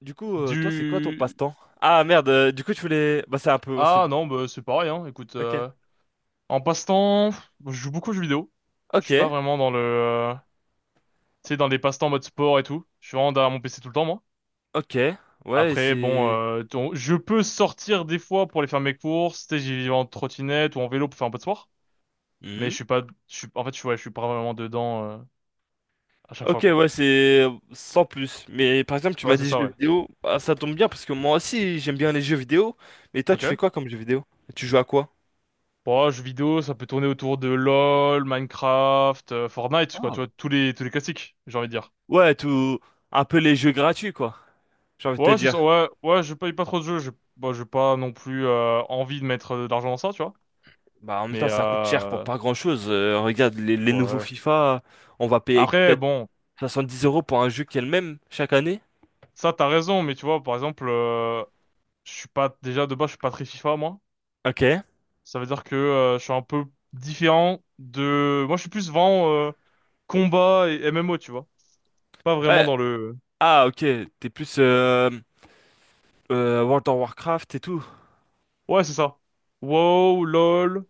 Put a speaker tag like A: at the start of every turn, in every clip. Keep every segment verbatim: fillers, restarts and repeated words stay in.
A: Du coup, euh, toi, c'est quoi ton
B: Du...
A: passe-temps? Ah merde, euh, du coup, tu voulais. Bah, c'est un peu. on s'est-
B: Ah non, bah, c'est pareil, hein. Écoute,
A: Ok.
B: euh, en passe-temps, pff, je joue beaucoup aux jeux vidéo. Je
A: Ok,
B: suis pas vraiment dans le. euh, Tu sais, dans des passe-temps mode sport et tout. Je suis vraiment derrière mon P C tout le temps, moi.
A: ok. Ouais,
B: Après, bon,
A: c'est.
B: euh, ton- je peux sortir des fois pour aller faire mes courses. Tu sais, j'y vais en trottinette ou en vélo pour faire un peu de sport. Mais
A: Hmm.
B: je suis pas. Je suis... En fait, je, suis- ouais, je suis pas vraiment dedans euh, à chaque
A: Ok,
B: fois, quoi.
A: ouais, c'est euh, sans plus. Mais par exemple, tu
B: Ouais,
A: m'as
B: c'est
A: dit
B: ça,
A: jeux
B: ouais.
A: vidéo. Bah, ça tombe bien parce que moi aussi, j'aime bien les jeux vidéo. Mais toi,
B: Ok.
A: tu fais quoi comme jeux vidéo? Tu joues à quoi?
B: Bon, jeux vidéo, ça peut tourner autour de LoL, Minecraft, euh, Fortnite, quoi.
A: Ah,
B: Tu vois, tous les, tous les classiques, j'ai envie de dire.
A: ouais, tout. Un peu les jeux gratuits, quoi. J'ai envie de te
B: Ouais, c'est ça,
A: dire.
B: ouais, ouais, je paye pas trop de jeux, j'ai bah, j'ai pas non plus euh, envie de mettre de l'argent dans ça, tu vois.
A: Bah, en même
B: Mais
A: temps, ça coûte cher pour
B: euh,
A: pas grand-chose. Euh, regarde, les, les nouveaux
B: ouais.
A: FIFA, on va payer
B: Après,
A: peut-être
B: bon,
A: soixante-dix euros pour un jeu qui est le même chaque année.
B: ça t'as raison, mais tu vois, par exemple, euh, je suis pas déjà de base, je suis pas très FIFA moi.
A: Ok.
B: Ça veut dire que euh, je suis un peu différent de. Moi, je suis plus vraiment euh, combat et M M O, tu vois. Pas vraiment
A: Ouais,
B: dans le.
A: ah, ok, t'es plus euh, euh, World of Warcraft et tout.
B: Ouais, c'est ça. WoW, LOL,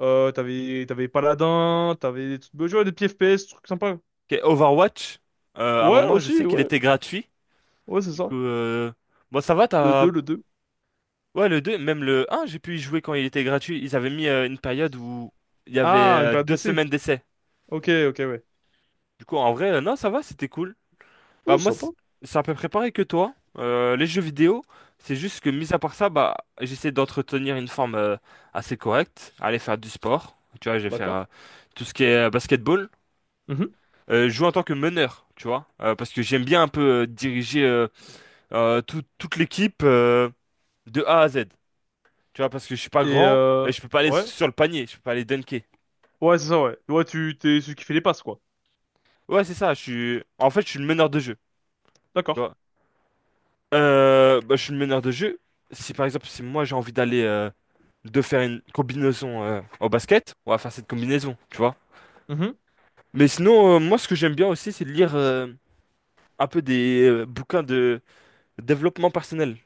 B: euh, t'avais t'avais Paladin, t'avais des trucs, ouais, des petits F P S, trucs sympas.
A: Ok, Overwatch, euh, à un
B: Ouais,
A: moment, je
B: aussi,
A: sais qu'il
B: ouais,
A: était gratuit.
B: ouais, c'est
A: Du
B: ça.
A: coup, euh, bon, ça va,
B: Le
A: t'as.
B: deux le deux
A: Ouais, le deux, même le un, j'ai pu y jouer quand il était gratuit. Ils avaient mis euh, une période où il y avait
B: Ah, une
A: euh,
B: période
A: deux
B: d'essai.
A: semaines d'essai.
B: Ok, ok, ouais.
A: Du coup, en vrai, euh, non, ça va, c'était cool. Bah,
B: Ouais, c'est
A: moi,
B: sympa.
A: c'est c'est à peu près pareil que toi. Euh, les jeux vidéo, c'est juste que, mis à part ça, bah, j'essaie d'entretenir une forme euh, assez correcte, aller faire du sport. Tu vois, je vais faire
B: D'accord.
A: euh, tout ce qui est euh, basketball.
B: Mhm.
A: Euh, jouer en tant que meneur, tu vois, Euh, parce que j'aime bien un peu euh, diriger euh, euh, tout- toute l'équipe euh, de A à Z, tu vois, parce que je suis pas
B: Et
A: grand
B: euh,
A: et je peux pas aller
B: ouais,
A: sur le panier, je peux pas aller dunker.
B: ouais, c'est ça, ouais. Ouais, tu t'es celui qui fait les passes, quoi.
A: Ouais, c'est ça, je suis en fait je suis le meneur de jeu,
B: D'accord.
A: tu vois. Euh, bah, je suis le meneur de jeu. Si par exemple si moi j'ai envie d'aller euh, de faire une combinaison euh, au basket, on va faire cette combinaison, tu vois.
B: Mhm.
A: Mais sinon euh, moi ce que j'aime bien aussi c'est de lire euh, un peu des euh, bouquins de développement personnel.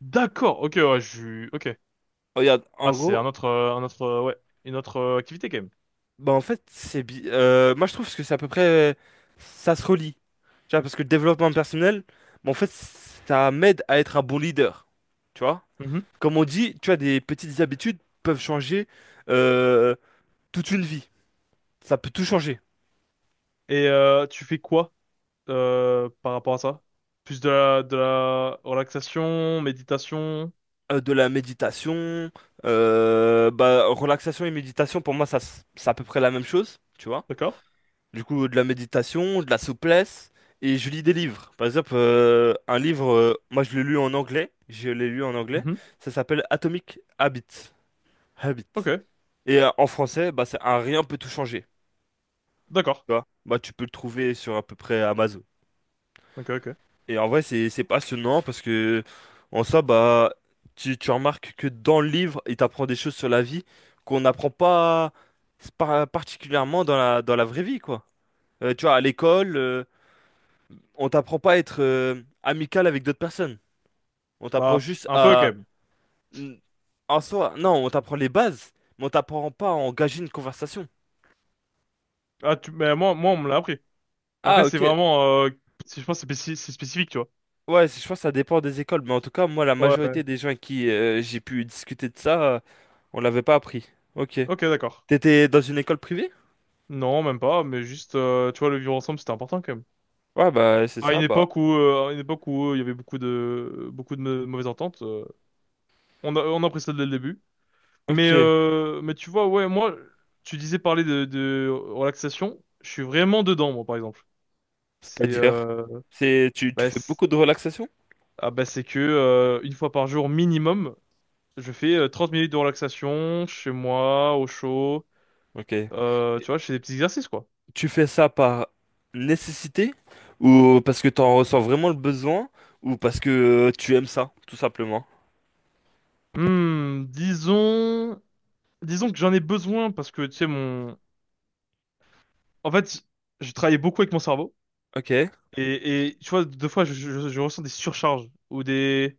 B: D'accord. Ok, ouais, je, ok.
A: Regarde,
B: Ah,
A: en
B: c'est un
A: gros,
B: autre, euh, un autre, euh, ouais, une autre euh, activité quand même.
A: bah en fait, c'est bi- euh, moi je trouve que c'est à peu près ça se relie. Tu vois, parce que le développement personnel, bah, en fait, ça m'aide à être un bon leader. Tu vois?
B: Mhm.
A: Comme on dit, tu vois, des petites habitudes peuvent changer euh, toute une vie. Ça peut tout changer.
B: Et euh, tu fais quoi euh, par rapport à ça? Plus de la, de la relaxation, méditation.
A: Euh, de la méditation, euh, bah relaxation et méditation, pour moi, ça, s- c'est à peu près la même chose. Tu vois.
B: D'accord.
A: Du coup, de la méditation, de la souplesse, et je lis des livres. Par exemple, euh, un livre, euh, moi je l'ai lu en anglais, je l'ai lu en anglais,
B: Mhm.
A: ça s'appelle Atomic Habits. Habit.
B: Ok.
A: Et euh, en français, bah, c'est un rien peut tout changer.
B: D'accord.
A: Tu vois? Bah, tu peux le trouver sur à peu près Amazon.
B: Ok, ok.
A: Et en vrai, c'est c'est passionnant parce que, en soi, bah, tu, tu remarques que dans le livre, il t'apprend des choses sur la vie qu'on n'apprend pas par- particulièrement dans la, dans la vraie vie, quoi. Euh, tu vois, à l'école, euh, on t'apprend pas à être euh, amical avec d'autres personnes. On t'apprend
B: Bah,
A: juste
B: un peu quand
A: à...
B: même.
A: n- En soi, non, on t'apprend les bases, mais on t'apprend pas à engager une conversation.
B: Ah, tu, mais moi, moi, on me l'a appris.
A: Ah,
B: Après, c'est
A: ok.
B: vraiment, euh, c'est- je pense, que c'est spécif- c'est spécifique, tu vois.
A: Ouais, c'est- je pense que ça dépend des écoles, mais en tout cas, moi, la
B: Ouais, ouais.
A: majorité des gens avec qui euh, j'ai pu discuter de ça, euh, on l'avait pas appris. Ok.
B: Ok, d'accord.
A: T'étais dans une école privée?
B: Non, même pas, mais juste, euh, tu vois, le vivre ensemble, c'était important quand même.
A: Ouais, bah, c'est
B: À une
A: ça, bah,
B: époque où, euh, à une époque où euh, il y avait beaucoup de, beaucoup de mau- mauvaises ententes, euh, on a, on a appris ça dès le début. Mais,
A: ok.
B: euh, mais tu vois, ouais, moi, tu disais parler de, de relaxation, je suis vraiment dedans, moi, par exemple. C'est,
A: C'est-à-dire,
B: euh,
A: c'est, tu, tu
B: bah,
A: fais
B: c'est
A: beaucoup de relaxation?
B: ah, Bah, c'est que, euh, une fois par jour minimum, je fais euh, trente minutes de relaxation chez moi, au chaud.
A: Ok.
B: Euh, tu vois, je fais des petits exercices, quoi.
A: Tu fais ça par nécessité ou parce que t'en ressens vraiment le besoin ou parce que euh, tu aimes ça, tout simplement.
B: Hmm, disons, disons que j'en ai besoin parce que, tu sais, mon, en fait, je travaillais beaucoup avec mon cerveau
A: Ok.
B: et, et tu vois, deux fois, je, je- je ressens des surcharges ou des,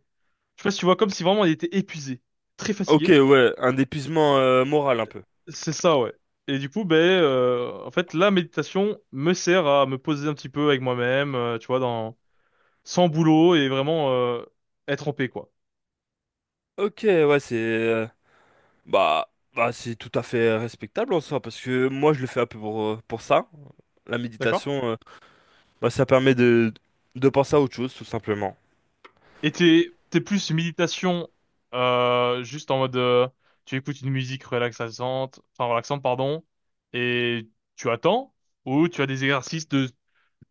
B: je sais pas si tu vois, comme si vraiment il était épuisé, très
A: Ok,
B: fatigué.
A: ouais, un épuisement euh, moral un peu.
B: C'est ça, ouais. Et du coup, ben, euh, en fait, la méditation me sert à me poser un petit peu avec moi-même, euh, tu vois, dans, sans boulot et vraiment, euh, être en paix, quoi.
A: Ok, ouais, c'est euh, bah bah c'est tout à fait respectable en soi parce que moi je le fais un peu pour euh, pour ça. La
B: D'accord?
A: méditation, euh, bah ça permet de de penser à autre chose tout simplement.
B: Et t'es, t'es plus méditation, euh, juste en mode, euh, tu écoutes une musique relaxante, enfin relaxante, pardon, et tu attends, ou tu as des exercices de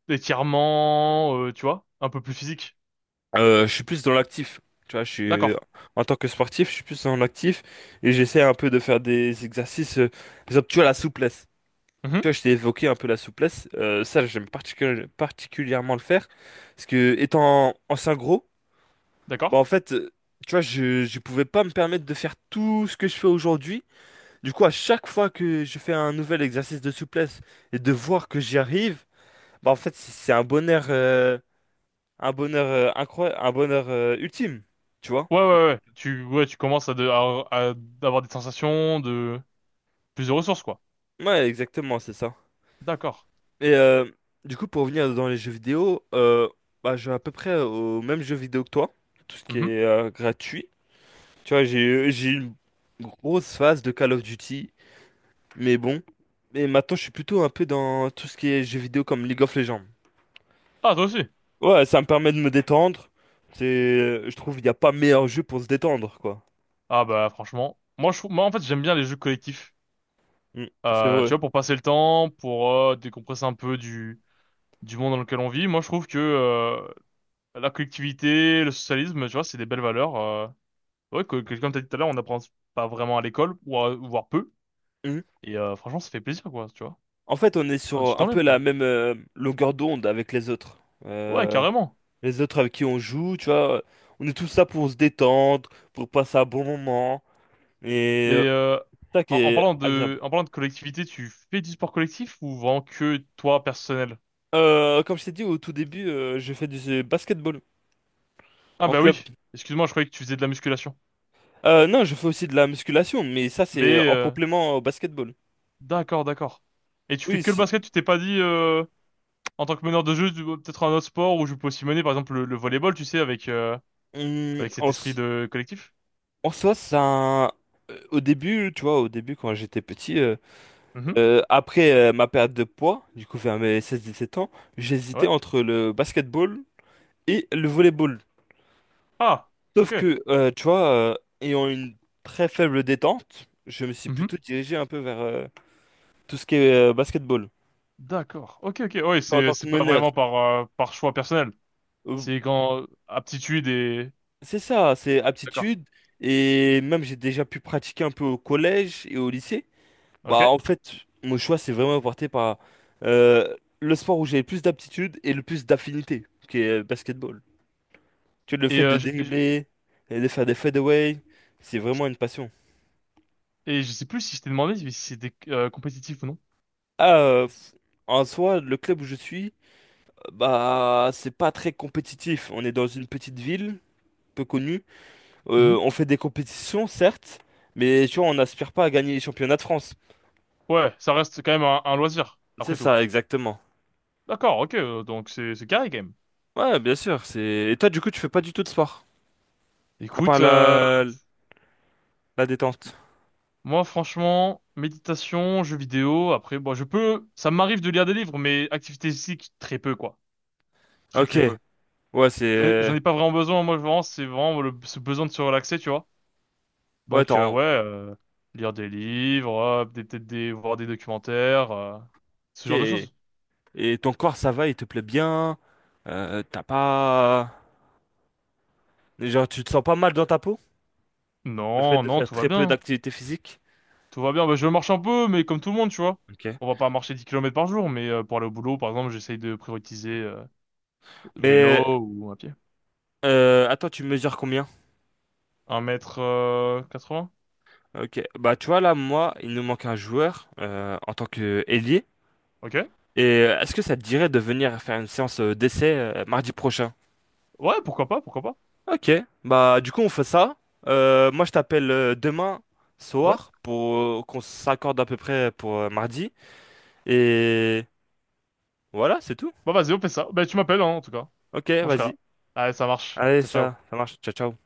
B: d'étirement, euh, tu vois, un peu plus physique.
A: Euh, je suis plus dans l'actif, tu vois. Je suis
B: D'accord.
A: en tant que sportif, je suis plus dans l'actif et j'essaie un peu de faire des exercices, euh, par exemple, tu vois la souplesse. Tu vois,
B: Mhm.
A: je t'ai évoqué un peu la souplesse. Euh, ça, j'aime particuli- particulièrement le faire. Parce que, étant ancien gros, bah,
B: D'accord.
A: en fait, euh, tu vois, je, je pouvais pas me permettre de faire tout ce que je fais aujourd'hui. Du coup, à chaque fois que je fais un nouvel exercice de souplesse et de voir que j'y arrive, bah, en fait, c'est c'est un bonheur, euh, un bonheur, incroyable, un bonheur, euh, ultime. Tu vois?
B: Ouais, ouais, ouais. Tu, ouais, tu commences à, de, à, à avoir des sensations de plus de ressources, quoi.
A: Ouais, exactement, c'est ça.
B: D'accord.
A: Et euh, du coup, pour revenir dans les jeux vidéo, euh, bah, je joue à peu près au même jeu vidéo que toi, tout ce qui
B: Mhm.
A: est euh, gratuit. Tu vois, j'ai eu- j'ai eu une grosse phase de Call of Duty, mais bon. Mais maintenant, je suis plutôt un peu dans tout ce qui est jeux vidéo comme League of Legends.
B: Ah, toi aussi.
A: Ouais, ça me permet de me détendre. C'est, je trouve, il n'y a pas meilleur jeu pour se détendre, quoi.
B: Ah bah franchement, moi je, trouve- moi en fait j'aime bien les jeux collectifs.
A: Mm, c'est
B: Euh, tu
A: vrai.
B: vois, pour passer le temps, pour euh, décompresser un peu du du monde dans lequel on vit. Moi, je trouve que euh, la collectivité, le socialisme, tu vois, c'est des belles valeurs. Euh, ouais, que, que, comme t'as dit tout à l'heure, on n'apprend pas vraiment à l'école, ou à- voire peu.
A: Mm.
B: Et euh, franchement, ça fait plaisir, quoi, tu vois.
A: En fait, on est
B: Un petit
A: sur un
B: enlève,
A: peu la
B: quoi.
A: même euh, longueur d'onde avec les autres.
B: Ouais,
A: Euh,
B: carrément.
A: les autres avec qui on joue, tu vois, on est tous là pour se détendre, pour passer un bon moment, et euh,
B: Mais euh,
A: ça qui
B: en, en
A: est
B: parlant
A: agréable.
B: de, en parlant de collectivité, tu fais du sport collectif ou vraiment que toi, personnel?
A: Euh, comme je t'ai dit au tout début, euh, je fais du basketball
B: Ah
A: en
B: bah
A: club.
B: oui. Excuse-moi, je croyais que tu faisais de la musculation.
A: Euh, non, je fais aussi de la musculation, mais ça c'est
B: Mais
A: en
B: euh,
A: complément au basketball.
B: d'accord, d'accord. Et tu fais
A: Oui,
B: que le
A: c'est-
B: basket, tu t'es pas dit euh, en tant que meneur de jeu, tu- peut-être un autre sport où je peux aussi mener, par exemple, le, le volleyball, tu sais, avec, euh,
A: hum, en,
B: avec cet esprit
A: s-
B: de collectif.
A: en soi, ça, euh, au début, tu vois, au début quand j'étais petit, euh,
B: Mhm.
A: euh, après euh, ma perte de poids, du coup vers mes seize dix-sept ans, j'hésitais
B: Ouais.
A: entre le basketball et le volleyball.
B: Ah,
A: Sauf
B: ok.
A: que, euh, tu vois, euh, ayant une très faible détente, je me suis plutôt
B: Mhm.
A: dirigé un peu vers euh, tout ce qui est euh, basketball.
B: D'accord. Ok, ok. Ouais,
A: En tant
B: c'est,
A: que
B: c'est pas
A: meneur,
B: vraiment par, euh, par choix personnel.
A: euh,
B: C'est quand aptitude et...
A: c'est ça, c'est
B: D'accord.
A: aptitude. Et même j'ai déjà pu pratiquer un peu au collège et au lycée. Bah,
B: Ok.
A: en fait, mon choix s'est vraiment porté par euh, le sport où j'ai le plus d'aptitude et le plus d'affinité, qui est euh, basketball. Tu vois, le
B: Et,
A: fait de
B: euh, je, je-
A: dribbler et de faire des fadeaways, c'est vraiment une passion.
B: et je sais plus si je t'ai demandé si c'était euh, compétitif ou non.
A: Ah, euh, en soi, le club où je suis. Bah, c'est pas très compétitif. On est dans une petite ville, peu connue.
B: Mhm.
A: Euh, on fait des compétitions, certes, mais tu vois, on n'aspire pas à gagner les championnats de France.
B: Ouais, ça reste quand même un, un loisir,
A: C'est
B: après tout.
A: ça, exactement.
B: D'accord, ok. euh, Donc c'est, c'est carré, quand même.
A: Ouais, bien sûr. C'est... Et toi, du coup, tu fais pas du tout de sport, à part
B: Écoute, euh,
A: la, la détente.
B: moi, franchement, méditation, jeux vidéo, après, bon, je peux, ça m'arrive de lire des livres, mais activité physique, très peu, quoi. Très,
A: Ok.
B: très peu.
A: Ouais,
B: J'en ai,
A: c'est...
B: j'en ai pas vraiment besoin, moi, vraiment, c'est vraiment le, ce besoin de se relaxer, tu vois.
A: Ouais,
B: Donc, euh,
A: attends.
B: ouais, euh, lire des livres, euh, des, peut-être des, voir des documentaires, euh, ce
A: Ok.
B: genre de choses.
A: Et ton corps, ça va, il te plaît bien. Euh, t'as pas... Genre, tu te sens pas mal dans ta peau? Le fait
B: Non,
A: de
B: non,
A: faire
B: tout va
A: très peu
B: bien.
A: d'activité physique.
B: Tout va bien. Bah, je marche un peu, mais comme tout le monde, tu vois.
A: Ok.
B: On va pas marcher dix kilomètres par jour, mais euh, pour aller au boulot, par exemple, j'essaye de prioriser euh,
A: Mais...
B: vélo ou à pied.
A: Euh, attends, tu mesures combien?
B: Un mètre euh, quatre-vingts.
A: Ok, bah tu vois là, moi, il nous manque un joueur euh, en tant que ailier.
B: Ok.
A: Et euh, est-ce que ça te dirait de venir faire une séance euh, d'essai euh, mardi prochain?
B: Ouais, pourquoi pas, pourquoi pas.
A: Ok, bah du coup on fait ça. Euh, moi je t'appelle euh, demain
B: Ouais.
A: soir pour euh, qu'on s'accorde à peu près pour euh, mardi. Et voilà, c'est tout.
B: Bah vas-y, on fait ça. Ben, tu m'appelles, hein, en tout cas.
A: Ok,
B: Moi, je serai
A: vas-y.
B: là. Allez, ça marche.
A: Allez,
B: Ciao,
A: ça,
B: ciao.
A: ça marche. Ciao, ciao.